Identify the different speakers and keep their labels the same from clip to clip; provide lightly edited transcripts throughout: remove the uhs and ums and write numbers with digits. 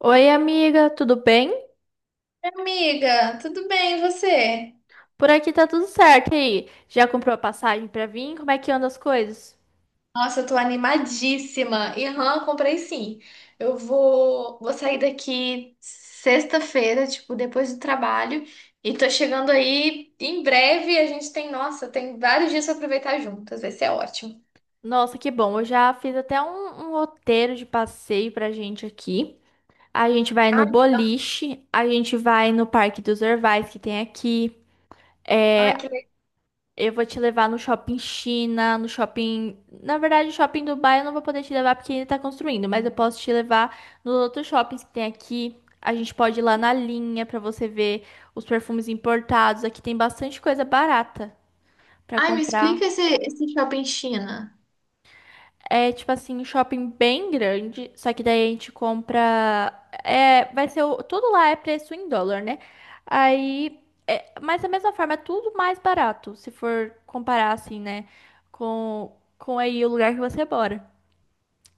Speaker 1: Oi, amiga, tudo bem?
Speaker 2: Amiga, tudo bem, e você?
Speaker 1: Por aqui tá tudo certo. E aí, já comprou a passagem pra vir? Como é que andam as coisas?
Speaker 2: Nossa, eu tô animadíssima. Irã, comprei sim. Eu vou sair daqui sexta-feira, tipo, depois do trabalho. E tô chegando aí em breve. A gente nossa, tem vários dias pra aproveitar juntas. Vai ser ótimo.
Speaker 1: Nossa, que bom. Eu já fiz até um roteiro de passeio pra gente aqui. A gente vai no
Speaker 2: Ai,
Speaker 1: boliche, a gente vai no Parque dos Orvais que tem aqui. É.
Speaker 2: ai, que legal.
Speaker 1: Eu vou te levar no shopping China, no shopping. Na verdade, o shopping Dubai eu não vou poder te levar porque ainda tá construindo, mas eu posso te levar nos outros shoppings que tem aqui. A gente pode ir lá na linha pra você ver os perfumes importados. Aqui tem bastante coisa barata pra
Speaker 2: Ai, me explica
Speaker 1: comprar.
Speaker 2: esse shopping China.
Speaker 1: É tipo assim, um shopping bem grande, só que daí a gente compra. É, vai ser tudo lá é preço em dólar, né? Aí, é, mas da mesma forma, é tudo mais barato, se for comparar assim, né? Com aí o lugar que você mora.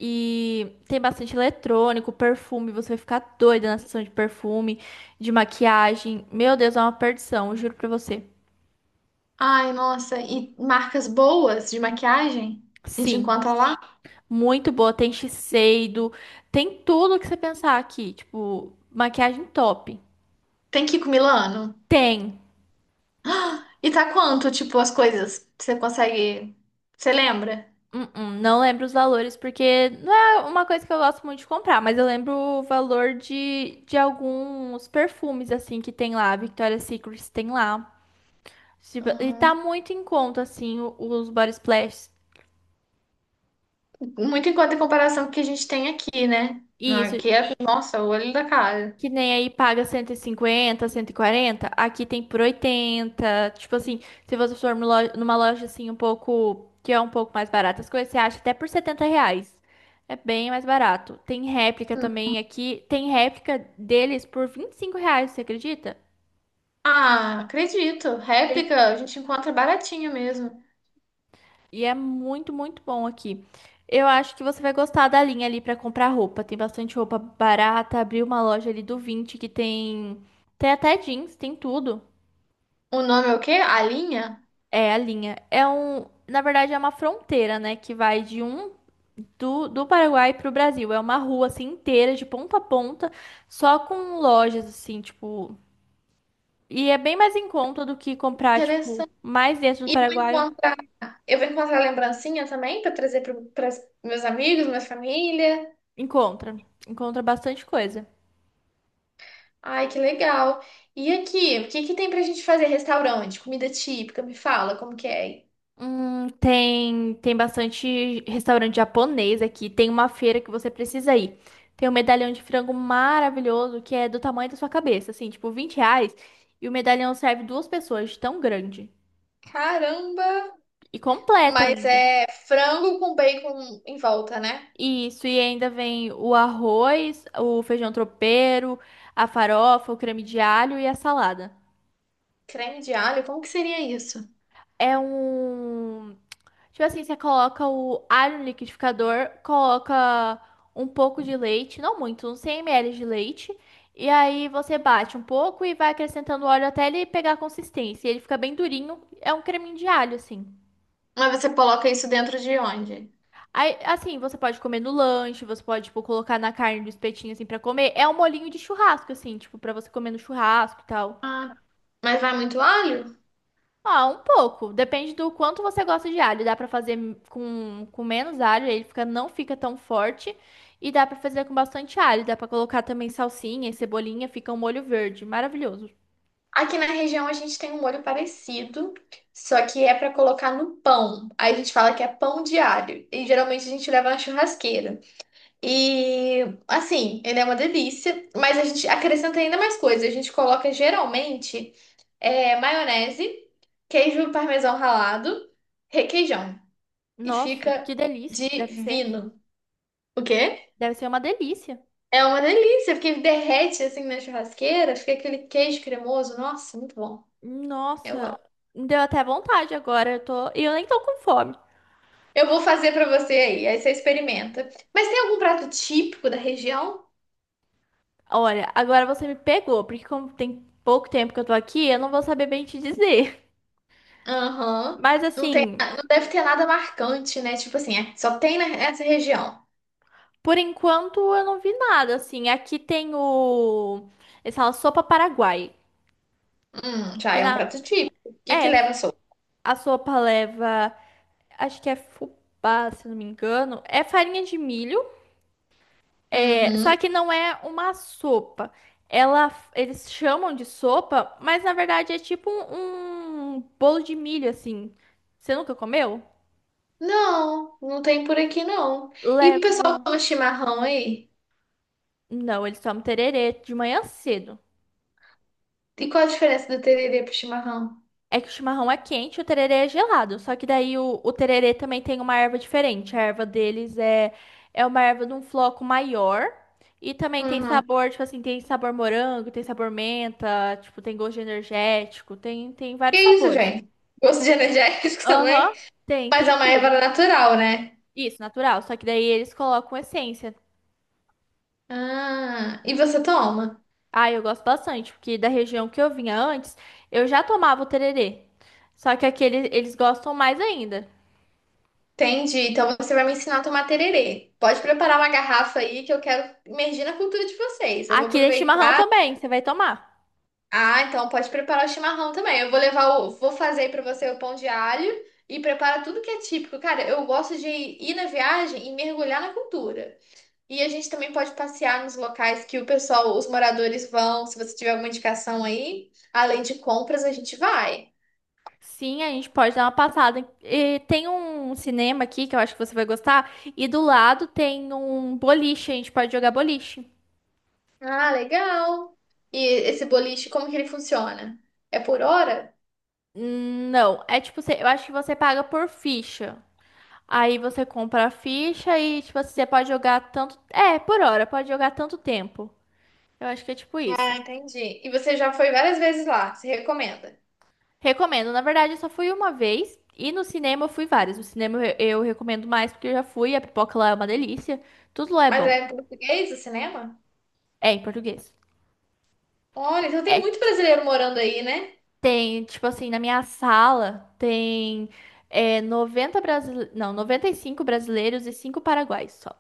Speaker 1: E tem bastante eletrônico, perfume, você vai ficar doida na sessão de perfume, de maquiagem. Meu Deus, é uma perdição, eu juro pra você.
Speaker 2: Ai, nossa, e marcas boas de maquiagem? A gente
Speaker 1: Sim.
Speaker 2: encontra lá?
Speaker 1: Muito boa, tem Shiseido, tem tudo que você pensar aqui, tipo, maquiagem top.
Speaker 2: Tem que ir com Milano?
Speaker 1: Tem.
Speaker 2: E tá quanto, tipo, as coisas? Você consegue. Você lembra?
Speaker 1: Não lembro os valores porque não é uma coisa que eu gosto muito de comprar, mas eu lembro o valor de alguns perfumes assim que tem lá, Victoria's Secret tem lá. Tipo, e tá
Speaker 2: Aham.
Speaker 1: muito em conta assim os body splash.
Speaker 2: Muito em conta em comparação com o que a gente tem aqui, né? Não,
Speaker 1: Isso.
Speaker 2: aqui é, nossa, o olho da cara.
Speaker 1: Que nem aí paga cento e cinquenta, cento e quarenta. Aqui tem por oitenta. Tipo assim, se você for numa loja, assim um pouco, que é um pouco mais barata as coisas, você acha até por 70 reais. É bem mais barato. Tem réplica
Speaker 2: Hum.
Speaker 1: também aqui, tem réplica deles por 25 reais, você acredita?
Speaker 2: Ah, acredito.
Speaker 1: E é
Speaker 2: Réplica a gente encontra baratinho mesmo.
Speaker 1: e é muito, muito bom aqui. Eu acho que você vai gostar da linha ali pra comprar roupa. Tem bastante roupa barata. Abri uma loja ali do 20 que tem, tem até jeans, tem tudo.
Speaker 2: O nome é o quê? A linha?
Speaker 1: É, a linha. É um, na verdade, é uma fronteira, né? Que vai de do Paraguai pro Brasil. É uma rua assim inteira, de ponta a ponta, só com lojas, assim, tipo. E é bem mais em conta do que comprar, tipo,
Speaker 2: Interessante.
Speaker 1: mais dentro do
Speaker 2: E eu vou
Speaker 1: Paraguai.
Speaker 2: encontrar, eu vou encontrar lembrancinha também para trazer para meus amigos, minha família.
Speaker 1: Encontra. Encontra bastante coisa.
Speaker 2: Ai, que legal. E aqui, o que que tem pra gente fazer? Restaurante, comida típica, me fala como que é.
Speaker 1: Tem bastante restaurante japonês aqui. Tem uma feira que você precisa ir. Tem um medalhão de frango maravilhoso que é do tamanho da sua cabeça, assim, tipo 20 reais. E o medalhão serve duas pessoas, de tão grande.
Speaker 2: Caramba!
Speaker 1: E completo
Speaker 2: Mas
Speaker 1: ainda.
Speaker 2: é frango com bacon em volta, né?
Speaker 1: Isso, e ainda vem o arroz, o feijão tropeiro, a farofa, o creme de alho e a salada.
Speaker 2: Creme de alho, como que seria isso?
Speaker 1: É um. Tipo assim, você coloca o alho no liquidificador, coloca um pouco de leite, não muito, uns 100 ml de leite. E aí você bate um pouco e vai acrescentando óleo até ele pegar a consistência. E ele fica bem durinho, é um creminho de alho, assim.
Speaker 2: Mas você coloca isso dentro de onde?
Speaker 1: Aí, assim, você pode comer no lanche, você pode, tipo, colocar na carne do espetinho, assim, pra comer. É um molinho de churrasco, assim, tipo, pra você comer no churrasco e tal.
Speaker 2: Ah, mas vai muito alho?
Speaker 1: Ah, um pouco. Depende do quanto você gosta de alho. Dá pra fazer com menos alho, ele fica, não fica tão forte. E dá pra fazer com bastante alho. Dá pra colocar também salsinha e cebolinha, fica um molho verde. Maravilhoso.
Speaker 2: Aqui na região a gente tem um molho parecido, só que é para colocar no pão. Aí a gente fala que é pão de alho. E geralmente a gente leva na churrasqueira. E assim, ele é uma delícia, mas a gente acrescenta ainda mais coisas. A gente coloca geralmente é, maionese, queijo parmesão ralado, requeijão. E
Speaker 1: Nossa,
Speaker 2: fica
Speaker 1: que delícia que deve ser.
Speaker 2: divino. O quê?
Speaker 1: Deve ser uma delícia.
Speaker 2: É uma delícia, porque derrete assim na churrasqueira, fica aquele queijo cremoso. Nossa, muito bom. Eu
Speaker 1: Nossa,
Speaker 2: amo.
Speaker 1: me deu até vontade agora. Eu tô... E eu nem tô com fome.
Speaker 2: Eu vou fazer pra você aí, aí você experimenta. Mas tem algum prato típico da região?
Speaker 1: Olha, agora você me pegou, porque como tem pouco tempo que eu tô aqui, eu não vou saber bem te dizer.
Speaker 2: Aham.
Speaker 1: Mas
Speaker 2: Não tem,
Speaker 1: assim.
Speaker 2: não deve ter nada marcante, né? Tipo assim, é, só tem nessa região.
Speaker 1: Por enquanto, eu não vi nada, assim. Aqui tem o... Eles falam sopa paraguai.
Speaker 2: Já
Speaker 1: Que
Speaker 2: é um
Speaker 1: na...
Speaker 2: prato típico. O que que
Speaker 1: É,
Speaker 2: leva sopa?
Speaker 1: a sopa leva... Acho que é fubá, se não me engano. É farinha de milho. É...
Speaker 2: Uhum.
Speaker 1: Só que não é uma sopa. Ela... Eles chamam de sopa, mas na verdade é tipo um, um bolo de milho, assim. Você nunca comeu?
Speaker 2: Não, não tem por aqui não. E o pessoal
Speaker 1: Leva...
Speaker 2: toma chimarrão aí?
Speaker 1: Não, eles tomam tererê de manhã cedo.
Speaker 2: E qual a diferença do tererê pro chimarrão?
Speaker 1: É que o chimarrão é quente e o tererê é gelado. Só que daí o tererê também tem uma erva diferente. A erva deles é, é uma erva de um floco maior. E também tem
Speaker 2: Uhum.
Speaker 1: sabor, tipo assim, tem sabor morango, tem sabor menta, tipo, tem gosto de energético, tem, tem
Speaker 2: Que
Speaker 1: vários
Speaker 2: isso,
Speaker 1: sabores.
Speaker 2: gente? Gosto de energético também?
Speaker 1: Aham, tem,
Speaker 2: Mas é
Speaker 1: tem
Speaker 2: uma erva
Speaker 1: tudo.
Speaker 2: natural, né?
Speaker 1: Isso, natural. Só que daí eles colocam essência.
Speaker 2: Ah, e você toma?
Speaker 1: Ah, eu gosto bastante, porque da região que eu vinha antes, eu já tomava o tererê. Só que aqui eles gostam mais ainda.
Speaker 2: Entendi. Então você vai me ensinar a tomar tererê. Pode preparar uma garrafa aí que eu quero imergir na cultura de vocês. Eu vou
Speaker 1: Aqui é chimarrão
Speaker 2: aproveitar.
Speaker 1: também, você vai tomar.
Speaker 2: Ah, então pode preparar o chimarrão também. Eu vou levar o, Vou fazer aí pra você o pão de alho e prepara tudo que é típico. Cara, eu gosto de ir na viagem e mergulhar na cultura. E a gente também pode passear nos locais que o pessoal, os moradores vão. Se você tiver alguma indicação aí, além de compras, a gente vai.
Speaker 1: Sim, a gente pode dar uma passada. E tem um cinema aqui que eu acho que você vai gostar. E do lado tem um boliche, a gente pode jogar boliche.
Speaker 2: Ah, legal. E esse boliche, como que ele funciona? É por hora?
Speaker 1: Não, é tipo, eu acho que você paga por ficha. Aí você compra a ficha e, tipo, assim, você pode jogar tanto. É, por hora, pode jogar tanto tempo. Eu acho que é tipo
Speaker 2: Ah,
Speaker 1: isso.
Speaker 2: entendi. E você já foi várias vezes lá, se recomenda.
Speaker 1: Recomendo. Na verdade, eu só fui uma vez. E no cinema eu fui várias. No cinema eu recomendo mais porque eu já fui. A pipoca lá é uma delícia. Tudo lá é
Speaker 2: Mas é
Speaker 1: bom.
Speaker 2: em português o cinema?
Speaker 1: É, em português.
Speaker 2: Olha, então tem muito
Speaker 1: É.
Speaker 2: brasileiro morando aí, né?
Speaker 1: Tem, tipo assim, na minha sala tem 90 brasileiros. Não, 95 brasileiros e 5 paraguaios só.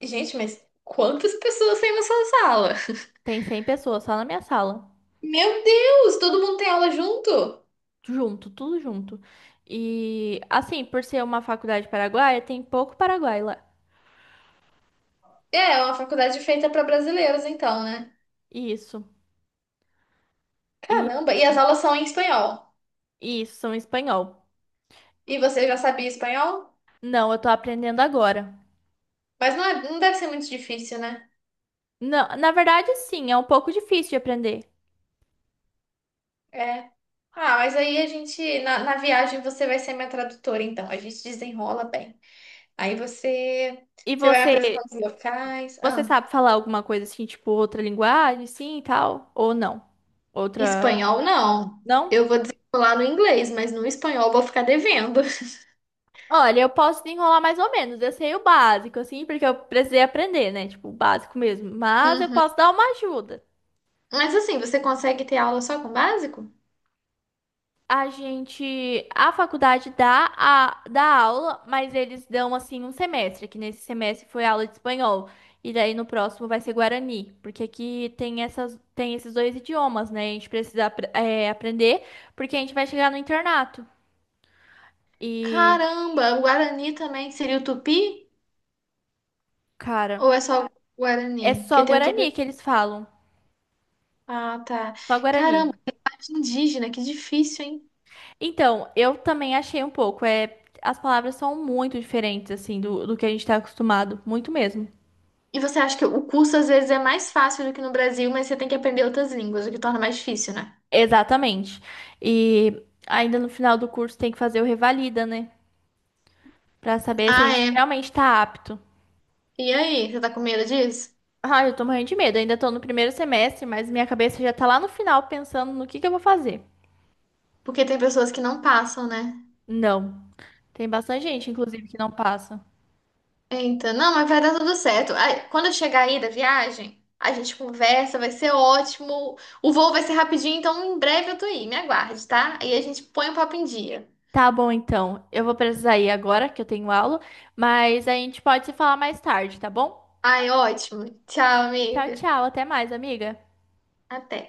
Speaker 2: Gente, mas quantas pessoas tem na sua sala?
Speaker 1: Tem 100 pessoas só na minha sala.
Speaker 2: Meu Deus, todo mundo tem aula junto?
Speaker 1: Junto, tudo junto. E assim, por ser uma faculdade paraguaia, tem pouco paraguai lá.
Speaker 2: É, é uma faculdade feita para brasileiros, então, né?
Speaker 1: Isso. E
Speaker 2: Caramba, e as aulas são em espanhol.
Speaker 1: e isso, são espanhol.
Speaker 2: E você já sabia espanhol?
Speaker 1: Não, eu tô aprendendo agora.
Speaker 2: Mas não, não deve ser muito difícil, né?
Speaker 1: Não, na verdade, sim, é um pouco difícil de aprender.
Speaker 2: É. Ah, mas aí a gente, na viagem, você vai ser minha tradutora, então. A gente desenrola bem. Aí você,
Speaker 1: E
Speaker 2: você vai me
Speaker 1: você,
Speaker 2: apresentar os locais.
Speaker 1: você
Speaker 2: Ah,
Speaker 1: sabe falar alguma coisa assim, tipo outra linguagem, sim e tal? Ou não? Outra.
Speaker 2: espanhol, não.
Speaker 1: Não?
Speaker 2: Eu vou desenrolar no inglês, mas no espanhol eu vou ficar devendo.
Speaker 1: Olha, eu posso desenrolar mais ou menos. Eu sei o básico, assim, porque eu precisei aprender, né? Tipo, o básico mesmo. Mas eu
Speaker 2: Hum.
Speaker 1: posso dar uma ajuda.
Speaker 2: Mas assim, você consegue ter aula só com básico?
Speaker 1: A gente, a faculdade dá, dá aula, mas eles dão, assim, um semestre, que nesse semestre foi aula de espanhol. E daí no próximo vai ser Guarani, porque aqui tem tem esses dois idiomas, né? A gente precisa, aprender, porque a gente vai chegar no internato. E,
Speaker 2: Caramba, o Guarani também seria o Tupi? Ou
Speaker 1: cara,
Speaker 2: é só o
Speaker 1: é
Speaker 2: Guarani?
Speaker 1: só
Speaker 2: Porque tem o Tupi.
Speaker 1: Guarani que eles falam.
Speaker 2: Ah, tá.
Speaker 1: Só Guarani.
Speaker 2: Caramba, arte indígena, que difícil, hein?
Speaker 1: Então, eu também achei um pouco. É, as palavras são muito diferentes, assim, do que a gente tá acostumado. Muito mesmo.
Speaker 2: E você acha que o curso às vezes é mais fácil do que no Brasil, mas você tem que aprender outras línguas, o que torna mais difícil, né?
Speaker 1: Exatamente. E ainda no final do curso tem que fazer o revalida, né? Pra saber se a
Speaker 2: Ah,
Speaker 1: gente
Speaker 2: é.
Speaker 1: realmente tá apto.
Speaker 2: E aí, você tá com medo disso?
Speaker 1: Ah, eu tô morrendo de medo. Ainda tô no primeiro semestre, mas minha cabeça já tá lá no final pensando no que eu vou fazer.
Speaker 2: Porque tem pessoas que não passam, né?
Speaker 1: Não. Tem bastante gente, inclusive, que não passa.
Speaker 2: Então, não, mas vai dar tudo certo. Aí, quando eu chegar aí da viagem, a gente conversa, vai ser ótimo. O voo vai ser rapidinho, então em breve eu tô aí, me aguarde, tá? Aí a gente põe o papo em dia.
Speaker 1: Tá bom, então. Eu vou precisar ir agora, que eu tenho aula, mas a gente pode se falar mais tarde, tá bom?
Speaker 2: Ai, ótimo. Tchau,
Speaker 1: Tchau,
Speaker 2: amiga.
Speaker 1: tchau. Até mais, amiga.
Speaker 2: Até.